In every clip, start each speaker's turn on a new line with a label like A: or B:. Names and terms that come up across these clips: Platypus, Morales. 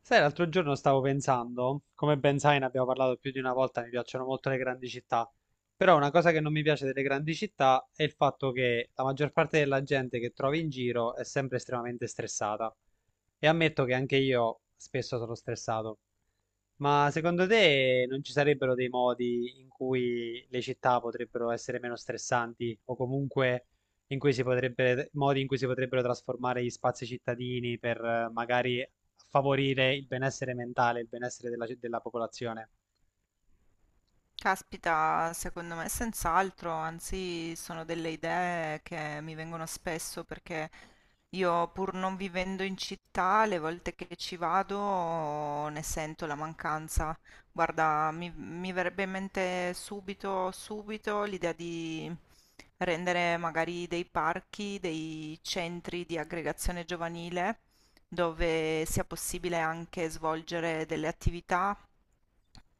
A: Sai, l'altro giorno stavo pensando, come ben sai, ne abbiamo parlato più di una volta, mi piacciono molto le grandi città, però una cosa che non mi piace delle grandi città è il fatto che la maggior parte della gente che trovi in giro è sempre estremamente stressata. E ammetto che anche io spesso sono stressato. Ma secondo te non ci sarebbero dei modi in cui le città potrebbero essere meno stressanti o comunque in cui si potrebbe, modi in cui si potrebbero trasformare gli spazi cittadini per magari favorire il benessere mentale, il benessere della popolazione.
B: Caspita, secondo me senz'altro, anzi sono delle idee che mi vengono spesso perché io pur non vivendo in città, le volte che ci vado ne sento la mancanza. Guarda, mi verrebbe in mente subito l'idea di rendere magari dei parchi, dei centri di aggregazione giovanile dove sia possibile anche svolgere delle attività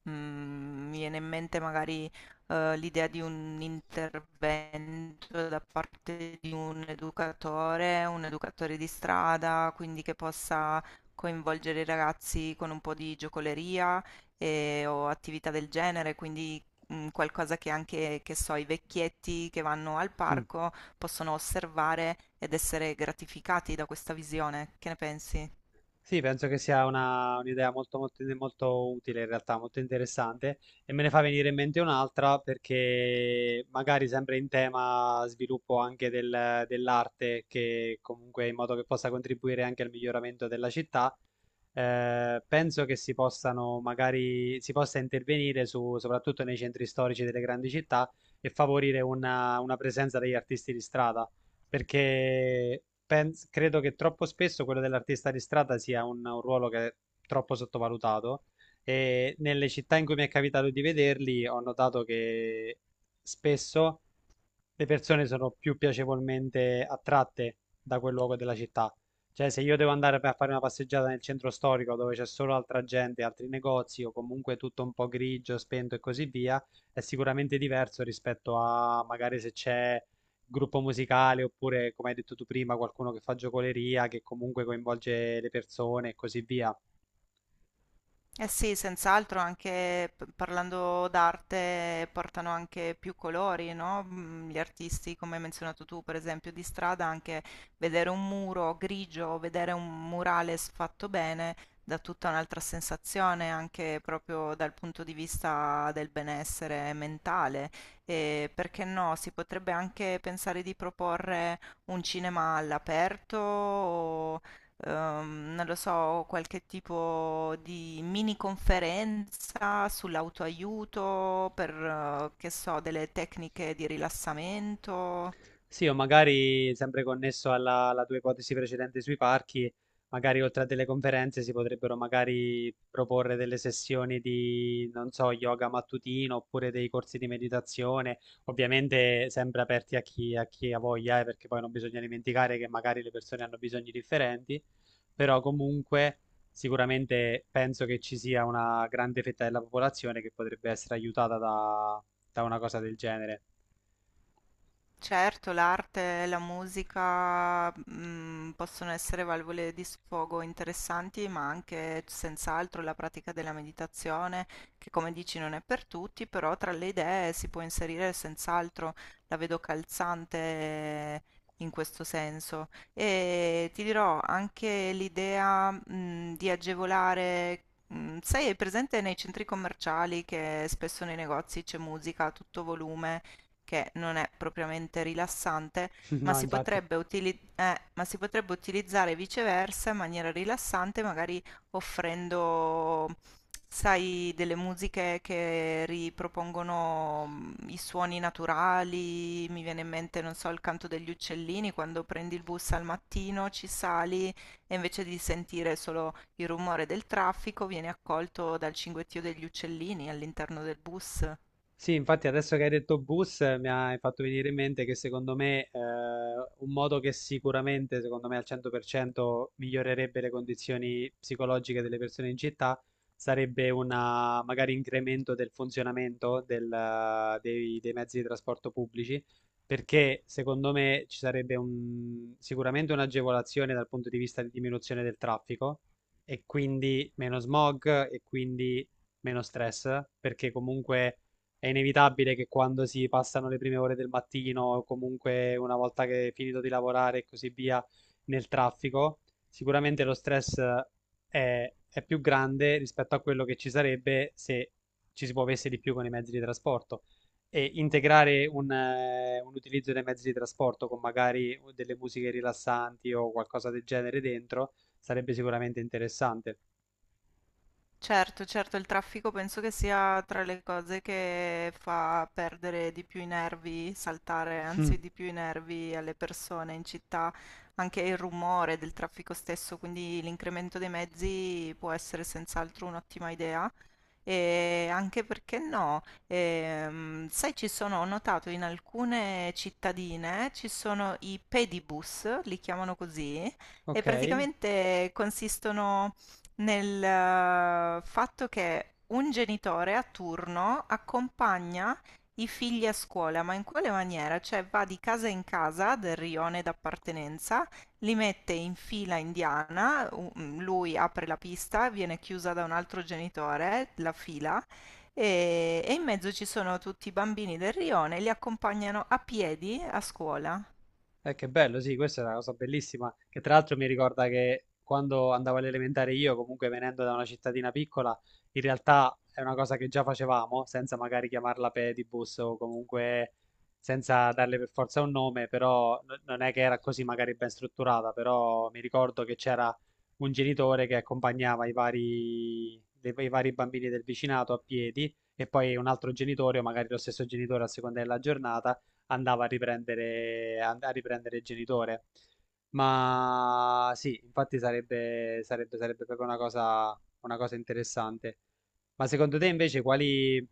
B: Mm, Mi viene in mente magari l'idea di un intervento da parte di un educatore di strada, quindi che possa coinvolgere i ragazzi con un po' di giocoleria o attività del genere, quindi qualcosa che anche, che so, i vecchietti che vanno al
A: Mm.
B: parco possono osservare ed essere gratificati da questa visione. Che ne pensi?
A: Sì, penso che sia un'idea molto, molto, molto utile in realtà, molto interessante e me ne fa venire in mente un'altra perché magari sempre in tema sviluppo anche dell'arte che comunque in modo che possa contribuire anche al miglioramento della città, penso che si possano magari, si possa intervenire su, soprattutto nei centri storici delle grandi città e favorire una presenza degli artisti di strada perché credo che troppo spesso quello dell'artista di strada sia un ruolo che è troppo sottovalutato e nelle città in cui mi è capitato di vederli ho notato che spesso le persone sono più piacevolmente attratte da quel luogo della città. Cioè, se io devo andare per fare una passeggiata nel centro storico dove c'è solo altra gente, altri negozi o comunque tutto un po' grigio, spento e così via, è sicuramente diverso rispetto a magari se c'è gruppo musicale oppure, come hai detto tu prima, qualcuno che fa giocoleria, che comunque coinvolge le persone e così via.
B: Eh sì, senz'altro anche parlando d'arte portano anche più colori, no? Mm. Gli artisti, come hai menzionato tu, per esempio, di strada, anche vedere un muro grigio o vedere un murale fatto bene dà tutta un'altra sensazione, anche proprio dal punto di vista del benessere mentale. E perché no? Si potrebbe anche pensare di proporre un cinema all'aperto, non lo so, qualche tipo di mini conferenza sull'autoaiuto per, che so, delle tecniche di rilassamento.
A: Sì, o magari sempre connesso alla tua ipotesi precedente sui parchi, magari oltre a delle conferenze si potrebbero magari proporre delle sessioni di, non so, yoga mattutino oppure dei corsi di meditazione, ovviamente sempre aperti a chi ha voglia, perché poi non bisogna dimenticare che magari le persone hanno bisogni differenti, però comunque sicuramente penso che ci sia una grande fetta della popolazione che potrebbe essere aiutata da una cosa del genere.
B: Certo, l'arte e la musica, possono essere valvole di sfogo interessanti, ma anche senz'altro la pratica della meditazione, che come dici non è per tutti, però tra le idee si può inserire senz'altro, la vedo calzante in questo senso. E ti dirò anche l'idea, di agevolare, sai, è presente nei centri commerciali che spesso nei negozi c'è musica a tutto volume che non è propriamente rilassante, ma
A: No,
B: si
A: infatti.
B: potrebbe ma si potrebbe utilizzare viceversa in maniera rilassante, magari offrendo, sai, delle musiche che ripropongono i suoni naturali. Mi viene in mente, non so, il canto degli uccellini, quando prendi il bus al mattino, ci sali e invece di sentire solo il rumore del traffico, vieni accolto dal cinguettio degli uccellini all'interno del bus.
A: Sì, infatti adesso che hai detto bus mi hai fatto venire in mente che secondo me un modo che sicuramente, secondo me al 100% migliorerebbe le condizioni psicologiche delle persone in città sarebbe una magari incremento del funzionamento dei, dei mezzi di trasporto pubblici, perché secondo me ci sarebbe sicuramente un'agevolazione dal punto di vista di diminuzione del traffico e quindi meno smog e quindi meno stress, perché comunque è inevitabile che quando si passano le prime ore del mattino, o comunque una volta che è finito di lavorare e così via, nel traffico, sicuramente lo stress è più grande rispetto a quello che ci sarebbe se ci si muovesse di più con i mezzi di trasporto. E integrare un utilizzo dei mezzi di trasporto con magari delle musiche rilassanti o qualcosa del genere dentro sarebbe sicuramente interessante.
B: Certo, certo, il traffico penso che sia tra le cose che fa perdere di più i nervi, saltare
A: Mm.
B: anzi di più i nervi alle persone in città, anche il rumore del traffico stesso, quindi l'incremento dei mezzi può essere senz'altro un'ottima idea. E anche perché no, sai, ci sono, ho notato in alcune cittadine ci sono i pedibus, li chiamano così, e
A: Ok.
B: praticamente consistono nel fatto che un genitore a turno accompagna i figli a scuola, ma in quale maniera? Cioè va di casa in casa del rione d'appartenenza, li mette in fila indiana, lui apre la pista, viene chiusa da un altro genitore, la fila, e in mezzo ci sono tutti i bambini del rione, li accompagnano a piedi a scuola.
A: Che bello, sì, questa è una cosa bellissima, che tra l'altro mi ricorda che quando andavo all'elementare io, comunque venendo da una cittadina piccola, in realtà è una cosa che già facevamo, senza magari chiamarla pedibus o comunque senza darle per forza un nome, però non è che era così magari ben strutturata, però mi ricordo che c'era un genitore che accompagnava i vari, i vari bambini del vicinato a piedi e poi un altro genitore o magari lo stesso genitore a seconda della giornata andava a riprendere, a riprendere il genitore. Ma sì, infatti sarebbe, sarebbe, sarebbe proprio una cosa interessante. Ma secondo te invece quali,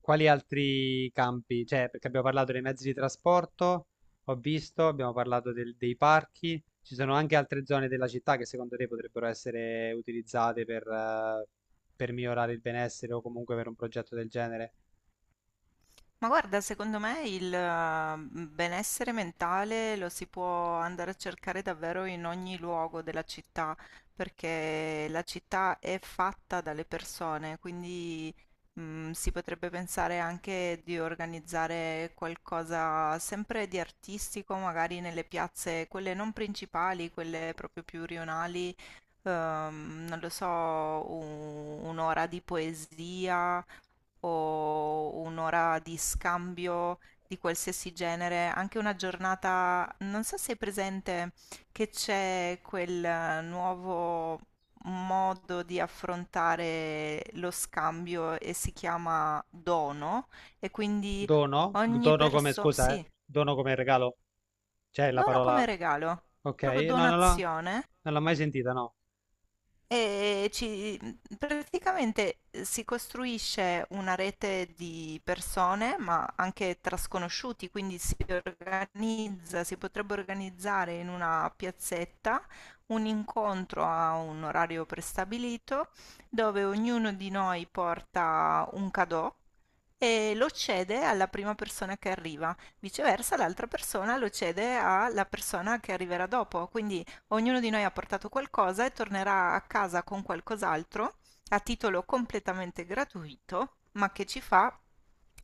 A: quali altri campi? Cioè, perché abbiamo parlato dei mezzi di trasporto, ho visto, abbiamo parlato dei parchi, ci sono anche altre zone della città che secondo te potrebbero essere utilizzate per migliorare il benessere o comunque per un progetto del genere?
B: Ma guarda, secondo me il benessere mentale lo si può andare a cercare davvero in ogni luogo della città, perché la città è fatta dalle persone, quindi si potrebbe pensare anche di organizzare qualcosa sempre di artistico, magari nelle piazze, quelle non principali, quelle proprio più rionali, non lo so, un'ora di poesia o un'ora di scambio di qualsiasi genere, anche una giornata, non so se è presente che c'è quel nuovo modo di affrontare lo scambio e si chiama dono, e quindi
A: Dono?
B: ogni
A: Dono come
B: persona,
A: scusa, eh?
B: sì,
A: Dono come regalo? C'è la
B: dono come
A: parola...
B: regalo,
A: Ok,
B: proprio
A: no,
B: donazione.
A: non l'ho mai sentita, no.
B: E ci, praticamente si costruisce una rete di persone, ma anche tra sconosciuti, quindi si organizza, si potrebbe organizzare in una piazzetta un incontro a un orario prestabilito dove ognuno di noi porta un cadeau e lo cede alla prima persona che arriva. Viceversa, l'altra persona lo cede alla persona che arriverà dopo. Quindi ognuno di noi ha portato qualcosa e tornerà a casa con qualcos'altro a titolo completamente gratuito, ma che ci fa,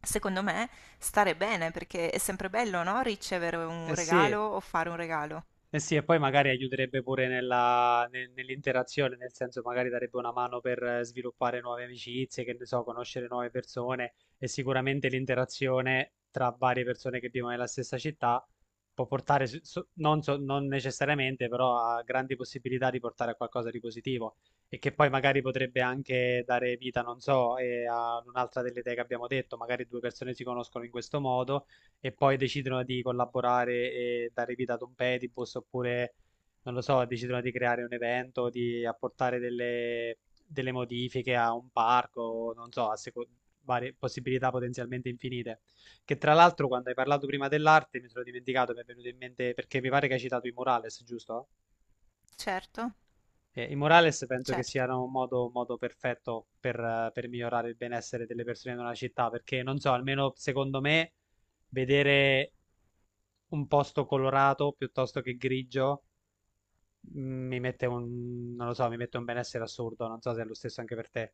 B: secondo me, stare bene, perché è sempre bello, no? Ricevere
A: Eh
B: un regalo
A: sì,
B: o fare un regalo.
A: eh sì, e poi magari aiuterebbe pure nell'interazione, nel senso magari darebbe una mano per sviluppare nuove amicizie, che ne so, conoscere nuove persone e sicuramente l'interazione tra varie persone che vivono nella stessa città può portare, non, non necessariamente, però a grandi possibilità di portare a qualcosa di positivo e che poi magari potrebbe anche dare vita, non so, a un'altra delle idee che abbiamo detto, magari due persone si conoscono in questo modo e poi decidono di collaborare e dare vita ad un Platypus oppure, non lo so, decidono di creare un evento, di apportare delle, delle modifiche a un parco, non so, varie possibilità potenzialmente infinite. Che tra l'altro, quando hai parlato prima dell'arte, mi sono dimenticato, mi è venuto in mente perché mi pare che hai citato i Morales, giusto?
B: Certo,
A: I Morales penso che
B: certo.
A: siano un modo perfetto per migliorare il benessere delle persone in una città, perché non so, almeno secondo me, vedere un posto colorato piuttosto che grigio mm, mi mette un, non lo so, mi mette un benessere assurdo, non so se è lo stesso anche per te.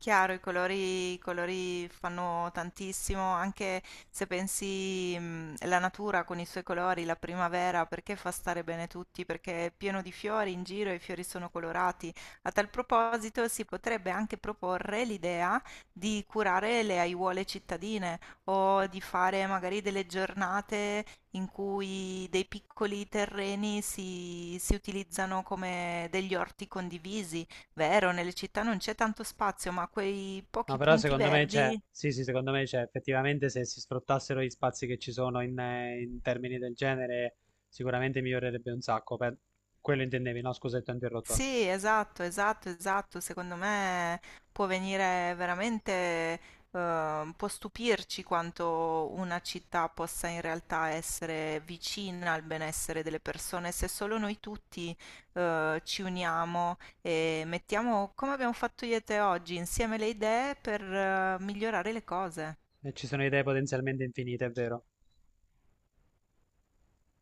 B: Chiaro, i colori fanno tantissimo, anche se pensi la natura con i suoi colori, la primavera, perché fa stare bene tutti, perché è pieno di fiori in giro e i fiori sono colorati. A tal proposito si potrebbe anche proporre l'idea di curare le aiuole cittadine o di fare magari delle giornate in cui dei piccoli terreni si utilizzano come degli orti condivisi. Vero, nelle città non c'è tanto spazio, ma quei
A: No,
B: pochi
A: però
B: punti
A: secondo me c'è,
B: verdi.
A: sì, sì, secondo me c'è, effettivamente se si sfruttassero gli spazi che ci sono in, in termini del genere, sicuramente migliorerebbe un sacco. Per... Quello intendevi, no? Scusa, ti ho interrotto.
B: Sì, esatto, esatto, esatto. Secondo me può venire veramente, può stupirci quanto una città possa in realtà essere vicina al benessere delle persone se solo noi tutti, ci uniamo e mettiamo, come abbiamo fatto io e te oggi, insieme le idee per, migliorare le cose.
A: Ci sono idee potenzialmente infinite, è vero.